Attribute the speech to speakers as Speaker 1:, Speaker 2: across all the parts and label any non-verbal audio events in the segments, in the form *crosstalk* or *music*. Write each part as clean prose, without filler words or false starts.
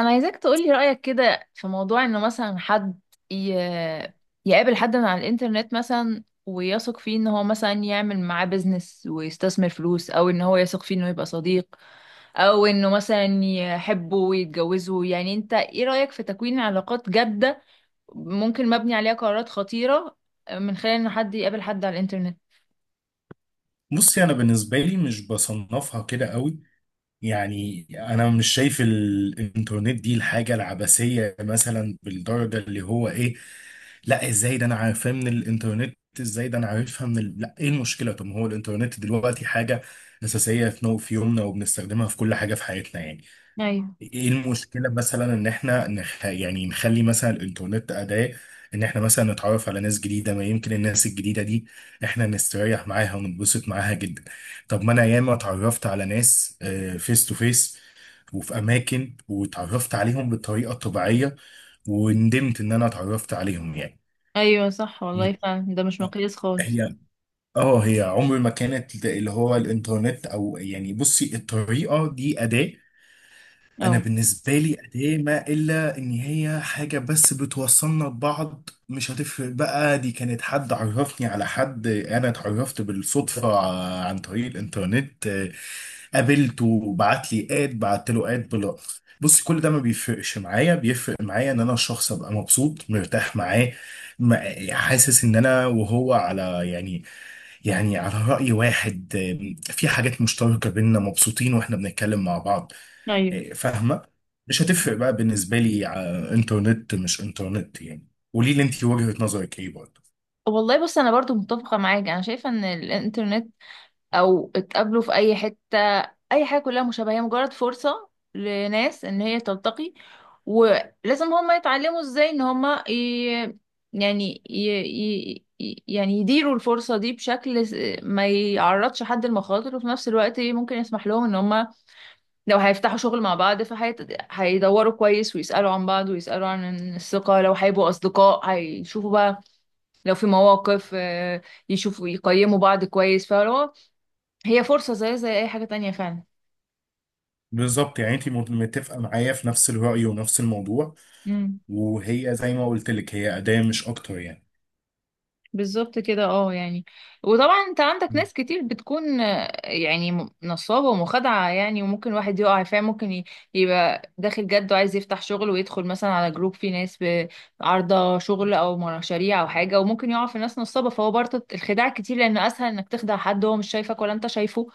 Speaker 1: انا عايزاك تقولي رأيك كده في موضوع انه مثلا حد ي... يقابل حد من على الانترنت مثلا، ويثق فيه ان هو مثلا يعمل معاه بيزنس ويستثمر فلوس، او ان هو يثق فيه انه يبقى صديق، او انه مثلا يحبه ويتجوزه. يعني انت ايه رأيك في تكوين علاقات جادة ممكن مبني عليها قرارات خطيرة من خلال انه حد يقابل حد على الانترنت؟
Speaker 2: بصي، انا بالنسبه لي مش بصنفها كده قوي. يعني انا مش شايف الانترنت دي الحاجه العبثيه مثلا بالدرجه اللي هو ايه. لا، ازاي ده انا عارفاه من الانترنت، ازاي ده انا عارفها من لا ايه المشكله؟ طب ما هو الانترنت دلوقتي حاجه اساسيه في يومنا وبنستخدمها في كل حاجه في حياتنا يعني.
Speaker 1: ايوه.
Speaker 2: ايه المشكلة مثلا ان احنا يعني نخلي مثلا الانترنت اداة ان احنا مثلا نتعرف على ناس جديدة، ما يمكن الناس الجديدة دي احنا نستريح معاها ونتبسط معاها جدا. طب ما انا ياما اتعرفت على ناس فيس تو فيس وفي اماكن واتعرفت عليهم بالطريقة الطبيعية وندمت ان انا اتعرفت عليهم يعني.
Speaker 1: ايوه صح والله
Speaker 2: مم.
Speaker 1: فعلا ده مش مقياس خالص.
Speaker 2: هي اه هي عمر ما كانت اللي هو الانترنت، او يعني بصي الطريقة دي أداة. انا
Speaker 1: اه.
Speaker 2: بالنسبه لي اداه، ما الا ان هي حاجه بس بتوصلنا ببعض، مش هتفرق بقى دي كانت حد عرفني على حد انا اتعرفت بالصدفه عن طريق الانترنت. قابلته، بعت لي اد، بعت له اد بلا، بص كل ده ما بيفرقش معايا. بيفرق معايا ان انا الشخص ابقى مبسوط مرتاح معاه، حاسس ان انا وهو على يعني، يعني على راي واحد، في حاجات مشتركه بينا مبسوطين واحنا بنتكلم مع بعض.
Speaker 1: ايوه.
Speaker 2: فاهمه؟ مش هتفرق بقى بالنسبه لي، انترنت مش انترنت يعني. قولي لي انت وجهه نظرك ايه برضه؟
Speaker 1: والله بص انا برضو متفقة معاك، انا شايفة ان الانترنت او اتقابلوا في اي حتة اي حاجة كلها مشابهة، هي مجرد فرصة لناس ان هي تلتقي. ولازم هما يتعلموا ازاي ان هما ي... يعني ي... ي... ي- يعني يديروا الفرصة دي بشكل ما يعرضش حد لمخاطر، وفي نفس الوقت ممكن يسمح لهم ان هما لو هيفتحوا شغل مع بعض فهيدوروا كويس ويسألوا عن بعض ويسألوا عن الثقة، لو هيبقوا أصدقاء هيشوفوا بقى لو في مواقف آه، يشوفوا يقيموا بعض كويس. فلو هي فرصة زي زي أي حاجة تانية فعلا.
Speaker 2: بالظبط، يعني انت متفقه معايا في نفس الراي ونفس الموضوع.
Speaker 1: امم.
Speaker 2: وهي زي ما قلت لك، هي اداه مش اكتر يعني.
Speaker 1: بالظبط كده، اه يعني. وطبعا انت عندك ناس كتير بتكون آه، يعني نصابة ومخادعة يعني، وممكن واحد يقع فيها. ممكن يبقى داخل جد وعايز يفتح شغل ويدخل مثلا على جروب فيه ناس عارضة شغل أو مشاريع أو حاجة، وممكن يقع في ناس نصابة. فهو برضه الخداع كتير، لأن أسهل إنك تخدع حد هو مش شايفك ولا أنت شايفه،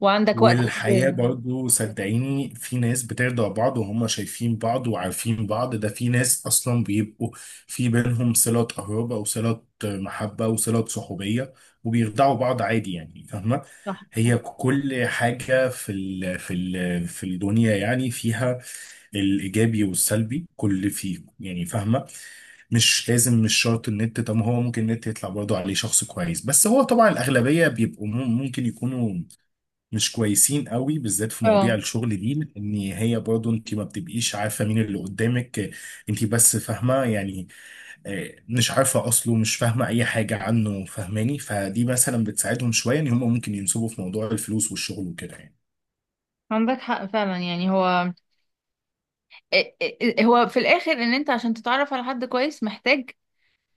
Speaker 1: وعندك وقت.
Speaker 2: والحياة برضو صدقيني في ناس بترضع بعض وهم شايفين بعض وعارفين بعض، ده في ناس أصلا بيبقوا في بينهم صلة قرابة وصلة محبة وصلة صحوبية وبيرضعوا بعض عادي يعني. فاهمة؟
Speaker 1: صح صح.
Speaker 2: هي كل حاجة في الدنيا يعني فيها الإيجابي والسلبي، كل فيه يعني. فاهمة؟ مش لازم، مش شرط النت. طب هو ممكن النت يطلع برضه عليه شخص كويس، بس هو طبعا الأغلبية بيبقوا ممكن يكونوا مش كويسين قوي، بالذات في مواضيع
Speaker 1: اه،
Speaker 2: الشغل دي، ان هي برضو انت ما بتبقيش عارفه مين اللي قدامك. انت بس فاهمه يعني، مش عارفه اصله، مش فاهمه اي حاجه عنه، فاهماني؟ فدي مثلا بتساعدهم شويه ان هم ممكن ينسبوا في موضوع الفلوس والشغل وكده يعني.
Speaker 1: عندك حق فعلا يعني. هو إيه- هو في الاخر ان انت عشان تتعرف على حد كويس محتاج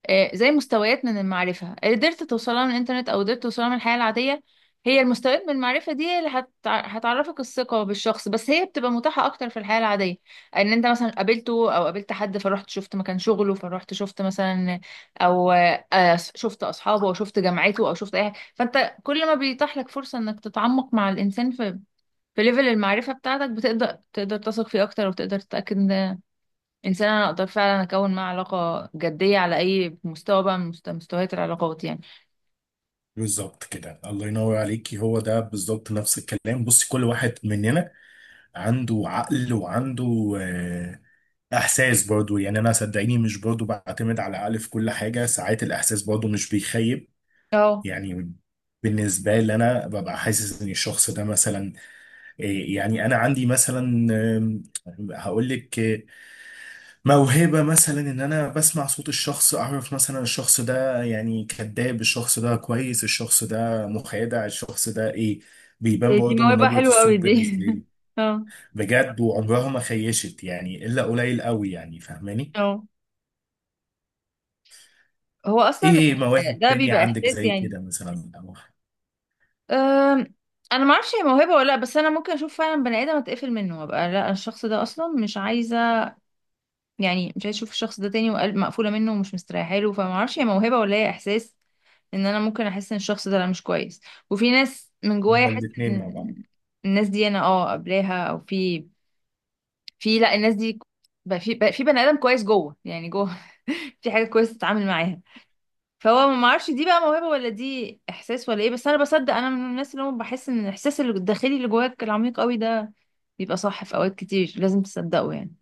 Speaker 1: آه، زي مستويات من المعرفة قدرت توصلها من الانترنت او قدرت توصلها من الحياة العادية. هي المستويات من المعرفة دي اللي هتعرفك الثقة بالشخص، بس هي بتبقى متاحة اكتر في الحياة العادية، ان انت مثلا قابلته او قابلت حد فرحت شفت مكان شغله، فرحت شفت مثلا او شفت اصحابه او شفت جامعته او شفت اي حاجة. فانت كل ما بيتاح لك فرصة انك تتعمق مع الانسان في في ليفل المعرفة بتاعتك، بتقدر تثق فيه اكتر، وتقدر تتأكد انسان انا اقدر فعلا اكون معاه علاقه جديه على اي مستوى بقى من مستويات العلاقات يعني.
Speaker 2: بالظبط كده، الله ينور عليكي، هو ده بالظبط نفس الكلام. بصي كل واحد مننا عنده عقل وعنده احساس برضو، يعني انا صدقيني مش برضو بعتمد على العقل في كل حاجه، ساعات الاحساس برضو مش بيخيب
Speaker 1: اه.
Speaker 2: يعني. بالنسبة لي أنا ببقى حاسس إن الشخص ده مثلا يعني أنا عندي مثلا هقول لك، موهبة مثلا إن أنا بسمع صوت الشخص أعرف مثلا الشخص ده يعني كذاب، الشخص ده كويس، الشخص ده مخادع، الشخص ده إيه. بيبان
Speaker 1: دي دي
Speaker 2: برضه من
Speaker 1: موهبة
Speaker 2: نبرة
Speaker 1: حلوة قوي
Speaker 2: الصوت
Speaker 1: دي.
Speaker 2: بالنسبة
Speaker 1: *laughs*
Speaker 2: لي،
Speaker 1: اه.
Speaker 2: بجد، وعمرها ما خيشت يعني إلا قليل قوي، يعني فاهماني؟
Speaker 1: اه. هو اصلا
Speaker 2: إيه، مواهب
Speaker 1: ده
Speaker 2: تانية
Speaker 1: بيبقى
Speaker 2: عندك
Speaker 1: احساس
Speaker 2: زي
Speaker 1: يعني.
Speaker 2: كده مثلا أو
Speaker 1: أم، انا ما اعرفش هي موهبه ولا لا، بس انا ممكن اشوف فعلا بني ادم اتقفل منه وابقى لا الشخص ده اصلا مش عايزه يعني، مش عايزه اشوف الشخص ده تاني، وقلب مقفوله منه ومش مستريحه له. فما اعرفش هي موهبه ولا هي احساس ان انا ممكن احس ان الشخص ده لا مش كويس. وفي ناس من جوايا
Speaker 2: هما
Speaker 1: احس
Speaker 2: الاتنين مع بعض؟
Speaker 1: ان الناس دي انا اه قبلاها، او في في لا الناس دي بقى في بقى في بني ادم كويس جوه يعني جوه. *laughs* في حاجه كويسه تتعامل معاها. فهو ما اعرفش دي بقى موهبه ولا دي احساس ولا ايه، بس انا بصدق انا من الناس اللي هم بحس ان الاحساس الداخلي اللي جواك العميق قوي ده بيبقى صح في اوقات كتير، لازم تصدقه يعني.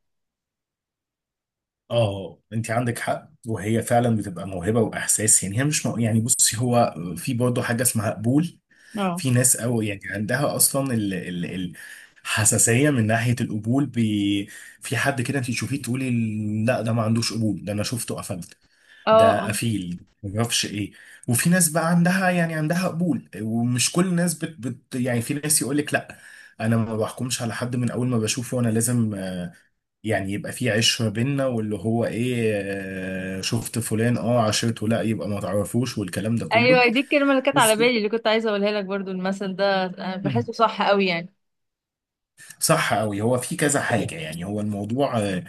Speaker 2: اه انت عندك حق، وهي فعلا بتبقى موهبه واحساس يعني. هي مش يعني بصي هو في برضه حاجه اسمها قبول.
Speaker 1: اه.
Speaker 2: في ناس او يعني عندها اصلا حساسيه من ناحيه القبول. في حد كده انت تشوفيه تقولي لا ده ما عندوش قبول، ده انا شفته قفلت،
Speaker 1: اه.
Speaker 2: ده
Speaker 1: آه.
Speaker 2: قفيل ما اعرفش ايه. وفي ناس بقى عندها يعني عندها قبول، ومش كل الناس يعني في ناس يقول لك لا انا ما بحكمش على حد من اول ما بشوفه، انا لازم يعني يبقى في عشرة بينا واللي هو ايه، شفت فلان اه عشرته لا يبقى ما تعرفوش، والكلام ده كله
Speaker 1: ايوه دي الكلمه اللي كانت على
Speaker 2: بس.
Speaker 1: بالي اللي كنت عايزه اقولها لك برضو. المثل ده انا
Speaker 2: مم.
Speaker 1: بحسه صح قوي يعني.
Speaker 2: صح قوي. هو في كذا حاجة، يعني هو الموضوع آه،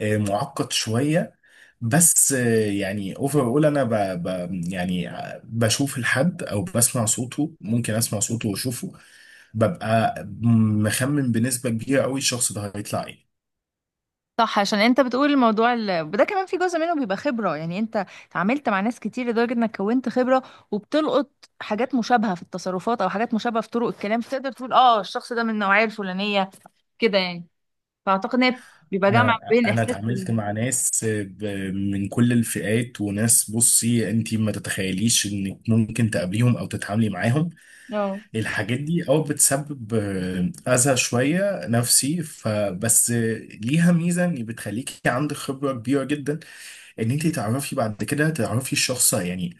Speaker 2: آه، معقد شوية، بس يعني اوفر اول انا ب ب يعني بشوف الحد او بسمع صوته، ممكن اسمع صوته واشوفه ببقى مخمن بنسبة كبيرة قوي الشخص ده هيطلع ايه.
Speaker 1: صح، عشان انت بتقول الموضوع ده كمان في جزء منه بيبقى خبرة يعني. انت اتعاملت مع ناس كتير لدرجة انك كونت خبرة، وبتلقط حاجات مشابهة في التصرفات او حاجات مشابهة في طرق الكلام، فتقدر تقول اه الشخص ده من النوعية الفلانية كده يعني. فاعتقد ان هي بيبقى جمع
Speaker 2: انا
Speaker 1: بين
Speaker 2: انا
Speaker 1: الاحساس بال.
Speaker 2: اتعاملت مع ناس من كل الفئات، وناس بصي انت ما تتخيليش انك ممكن تقابليهم او تتعاملي معاهم،
Speaker 1: اه.
Speaker 2: الحاجات دي او بتسبب اذى شويه نفسي، فبس ليها ميزه ان بتخليكي عندك خبره كبيره جدا ان انت تعرفي بعد كده تعرفي الشخص يعني،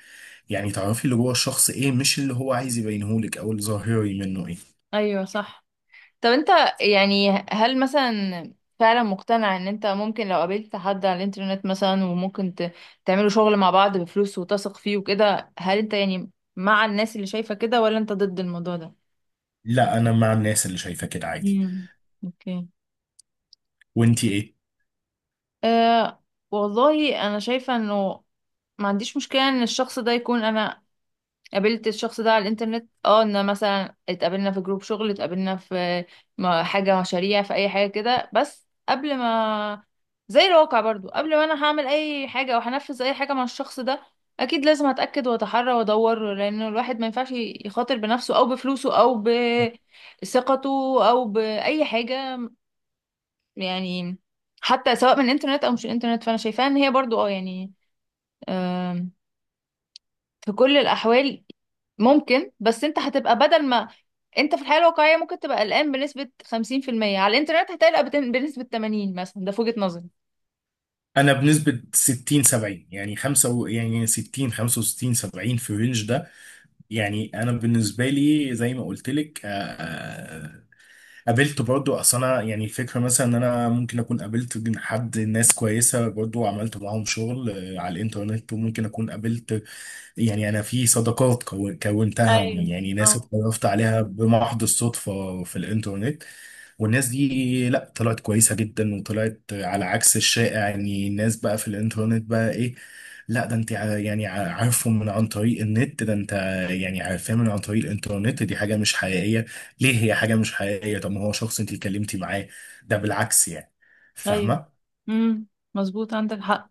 Speaker 2: يعني تعرفي اللي جوه الشخص ايه، مش اللي هو عايز يبينهولك او الظاهري منه ايه.
Speaker 1: ايوه صح. طب انت يعني هل مثلا فعلا مقتنع ان انت ممكن لو قابلت حد على الانترنت مثلا، وممكن تعملوا شغل مع بعض بفلوس وتثق فيه وكده، هل انت يعني مع الناس اللي شايفة كده، ولا انت ضد الموضوع ده؟
Speaker 2: لا انا مع الناس اللي شايفه كده عادي.
Speaker 1: امم. اوكي.
Speaker 2: وانت ايه؟
Speaker 1: أه. والله انا شايفة انه ما عنديش مشكلة ان الشخص ده يكون انا قابلت الشخص ده على الانترنت. اه، ان مثلا اتقابلنا في جروب شغل، اتقابلنا في حاجة مشاريع في اي حاجة كده، بس قبل ما زي الواقع برضو، قبل ما انا هعمل اي حاجة او هنفذ اي حاجة مع الشخص ده، اكيد لازم اتأكد واتحرى وادور، لان الواحد ما ينفعش يخاطر بنفسه او بفلوسه او بثقته او باي حاجة يعني. حتى سواء من الانترنت او مش الانترنت، فانا شايفاها ان هي برضو اه يعني في كل الأحوال ممكن. بس انت هتبقى بدل ما انت في الحياة الواقعية ممكن تبقى قلقان بنسبة 50%، على الانترنت هتقلق بنسبة 80 مثلا. ده في وجهة نظري.
Speaker 2: انا بنسبة 60 70، يعني يعني 60 65 70 في الرينج ده يعني. انا بالنسبة لي زي ما قلت لك، قابلت برضو، اصل انا يعني الفكرة مثلا ان انا ممكن اكون قابلت حد، ناس كويسة برضو وعملت معاهم شغل على الانترنت، وممكن اكون قابلت يعني انا في صداقات كونتها
Speaker 1: ايوه.
Speaker 2: يعني ناس
Speaker 1: اه.
Speaker 2: اتعرفت عليها بمحض الصدفه في الانترنت. والناس دي لا طلعت كويسه جدا وطلعت على عكس الشائع، يعني الناس بقى في الانترنت بقى ايه، لا ده انت عارفهم من عن طريق النت، ده انت يعني عارفاه من عن طريق الانترنت دي حاجه مش حقيقيه. ليه هي حاجه مش حقيقيه؟ طب ما هو شخص انت اتكلمتي معاه، ده بالعكس يعني.
Speaker 1: ايوه.
Speaker 2: فاهمه؟
Speaker 1: امم. مظبوط، عندك حق.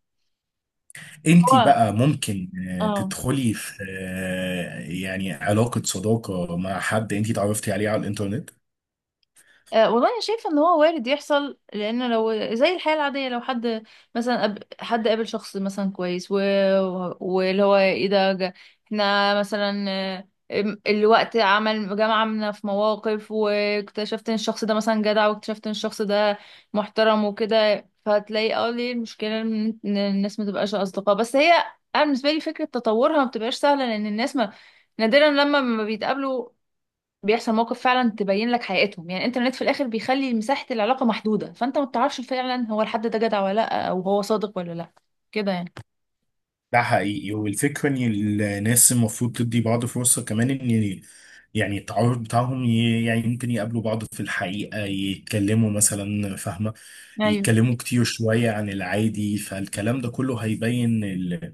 Speaker 2: انت
Speaker 1: هو
Speaker 2: بقى ممكن
Speaker 1: اه.
Speaker 2: تدخلي في يعني علاقة صداقة مع حد انت اتعرفتي عليه على الانترنت.
Speaker 1: أه والله انا شايفه ان هو وارد يحصل، لان لو زي الحياه العاديه لو حد مثلا حد قابل شخص مثلا كويس واللي هو ايه احنا مثلا آه، الوقت عمل جمعنا في مواقف، واكتشفت ان الشخص ده مثلا جدع، واكتشفت ان الشخص ده محترم وكده، فهتلاقي اه ليه المشكله ان إن الناس ما تبقاش اصدقاء. بس هي انا بالنسبه لي فكره تطورها ما بتبقاش سهله، لان الناس ما نادرا لما ما بيتقابلوا بيحصل موقف فعلا تبين لك حقيقتهم يعني. الانترنت في الاخر بيخلي مساحة العلاقة محدودة، فانت ما بتعرفش فعلا هو الحد ده جدع ولا لا، او هو صادق ولا لا، كده يعني.
Speaker 2: ده حقيقي. والفكرة ان الناس المفروض تدي بعض فرصة كمان، ان يعني التعارف بتاعهم يعني ممكن يقابلوا بعض في الحقيقة، يتكلموا مثلا. فاهمة؟
Speaker 1: ايوه
Speaker 2: يتكلموا كتير شوية عن العادي، فالكلام ده كله هيبين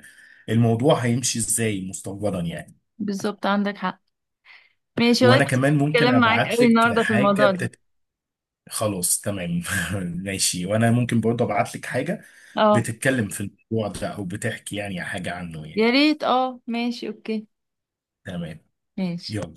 Speaker 2: الموضوع هيمشي ازاي مستقبلا يعني.
Speaker 1: بالظبط، عندك حق. ماشي والله،
Speaker 2: وانا
Speaker 1: اتبسطت
Speaker 2: كمان ممكن
Speaker 1: الكلام معاك
Speaker 2: ابعت
Speaker 1: قوي
Speaker 2: لك
Speaker 1: النهارده في الموضوع
Speaker 2: حاجة.
Speaker 1: ده.
Speaker 2: خلاص تمام. *laughs* ماشي، وانا ممكن برضه ابعت لك حاجه
Speaker 1: اه
Speaker 2: بتتكلم في الموضوع ده او بتحكي يعني حاجه عنه يعني.
Speaker 1: يا ريت، اه ماشي، اوكي.
Speaker 2: تمام.
Speaker 1: ماشي.
Speaker 2: يلا.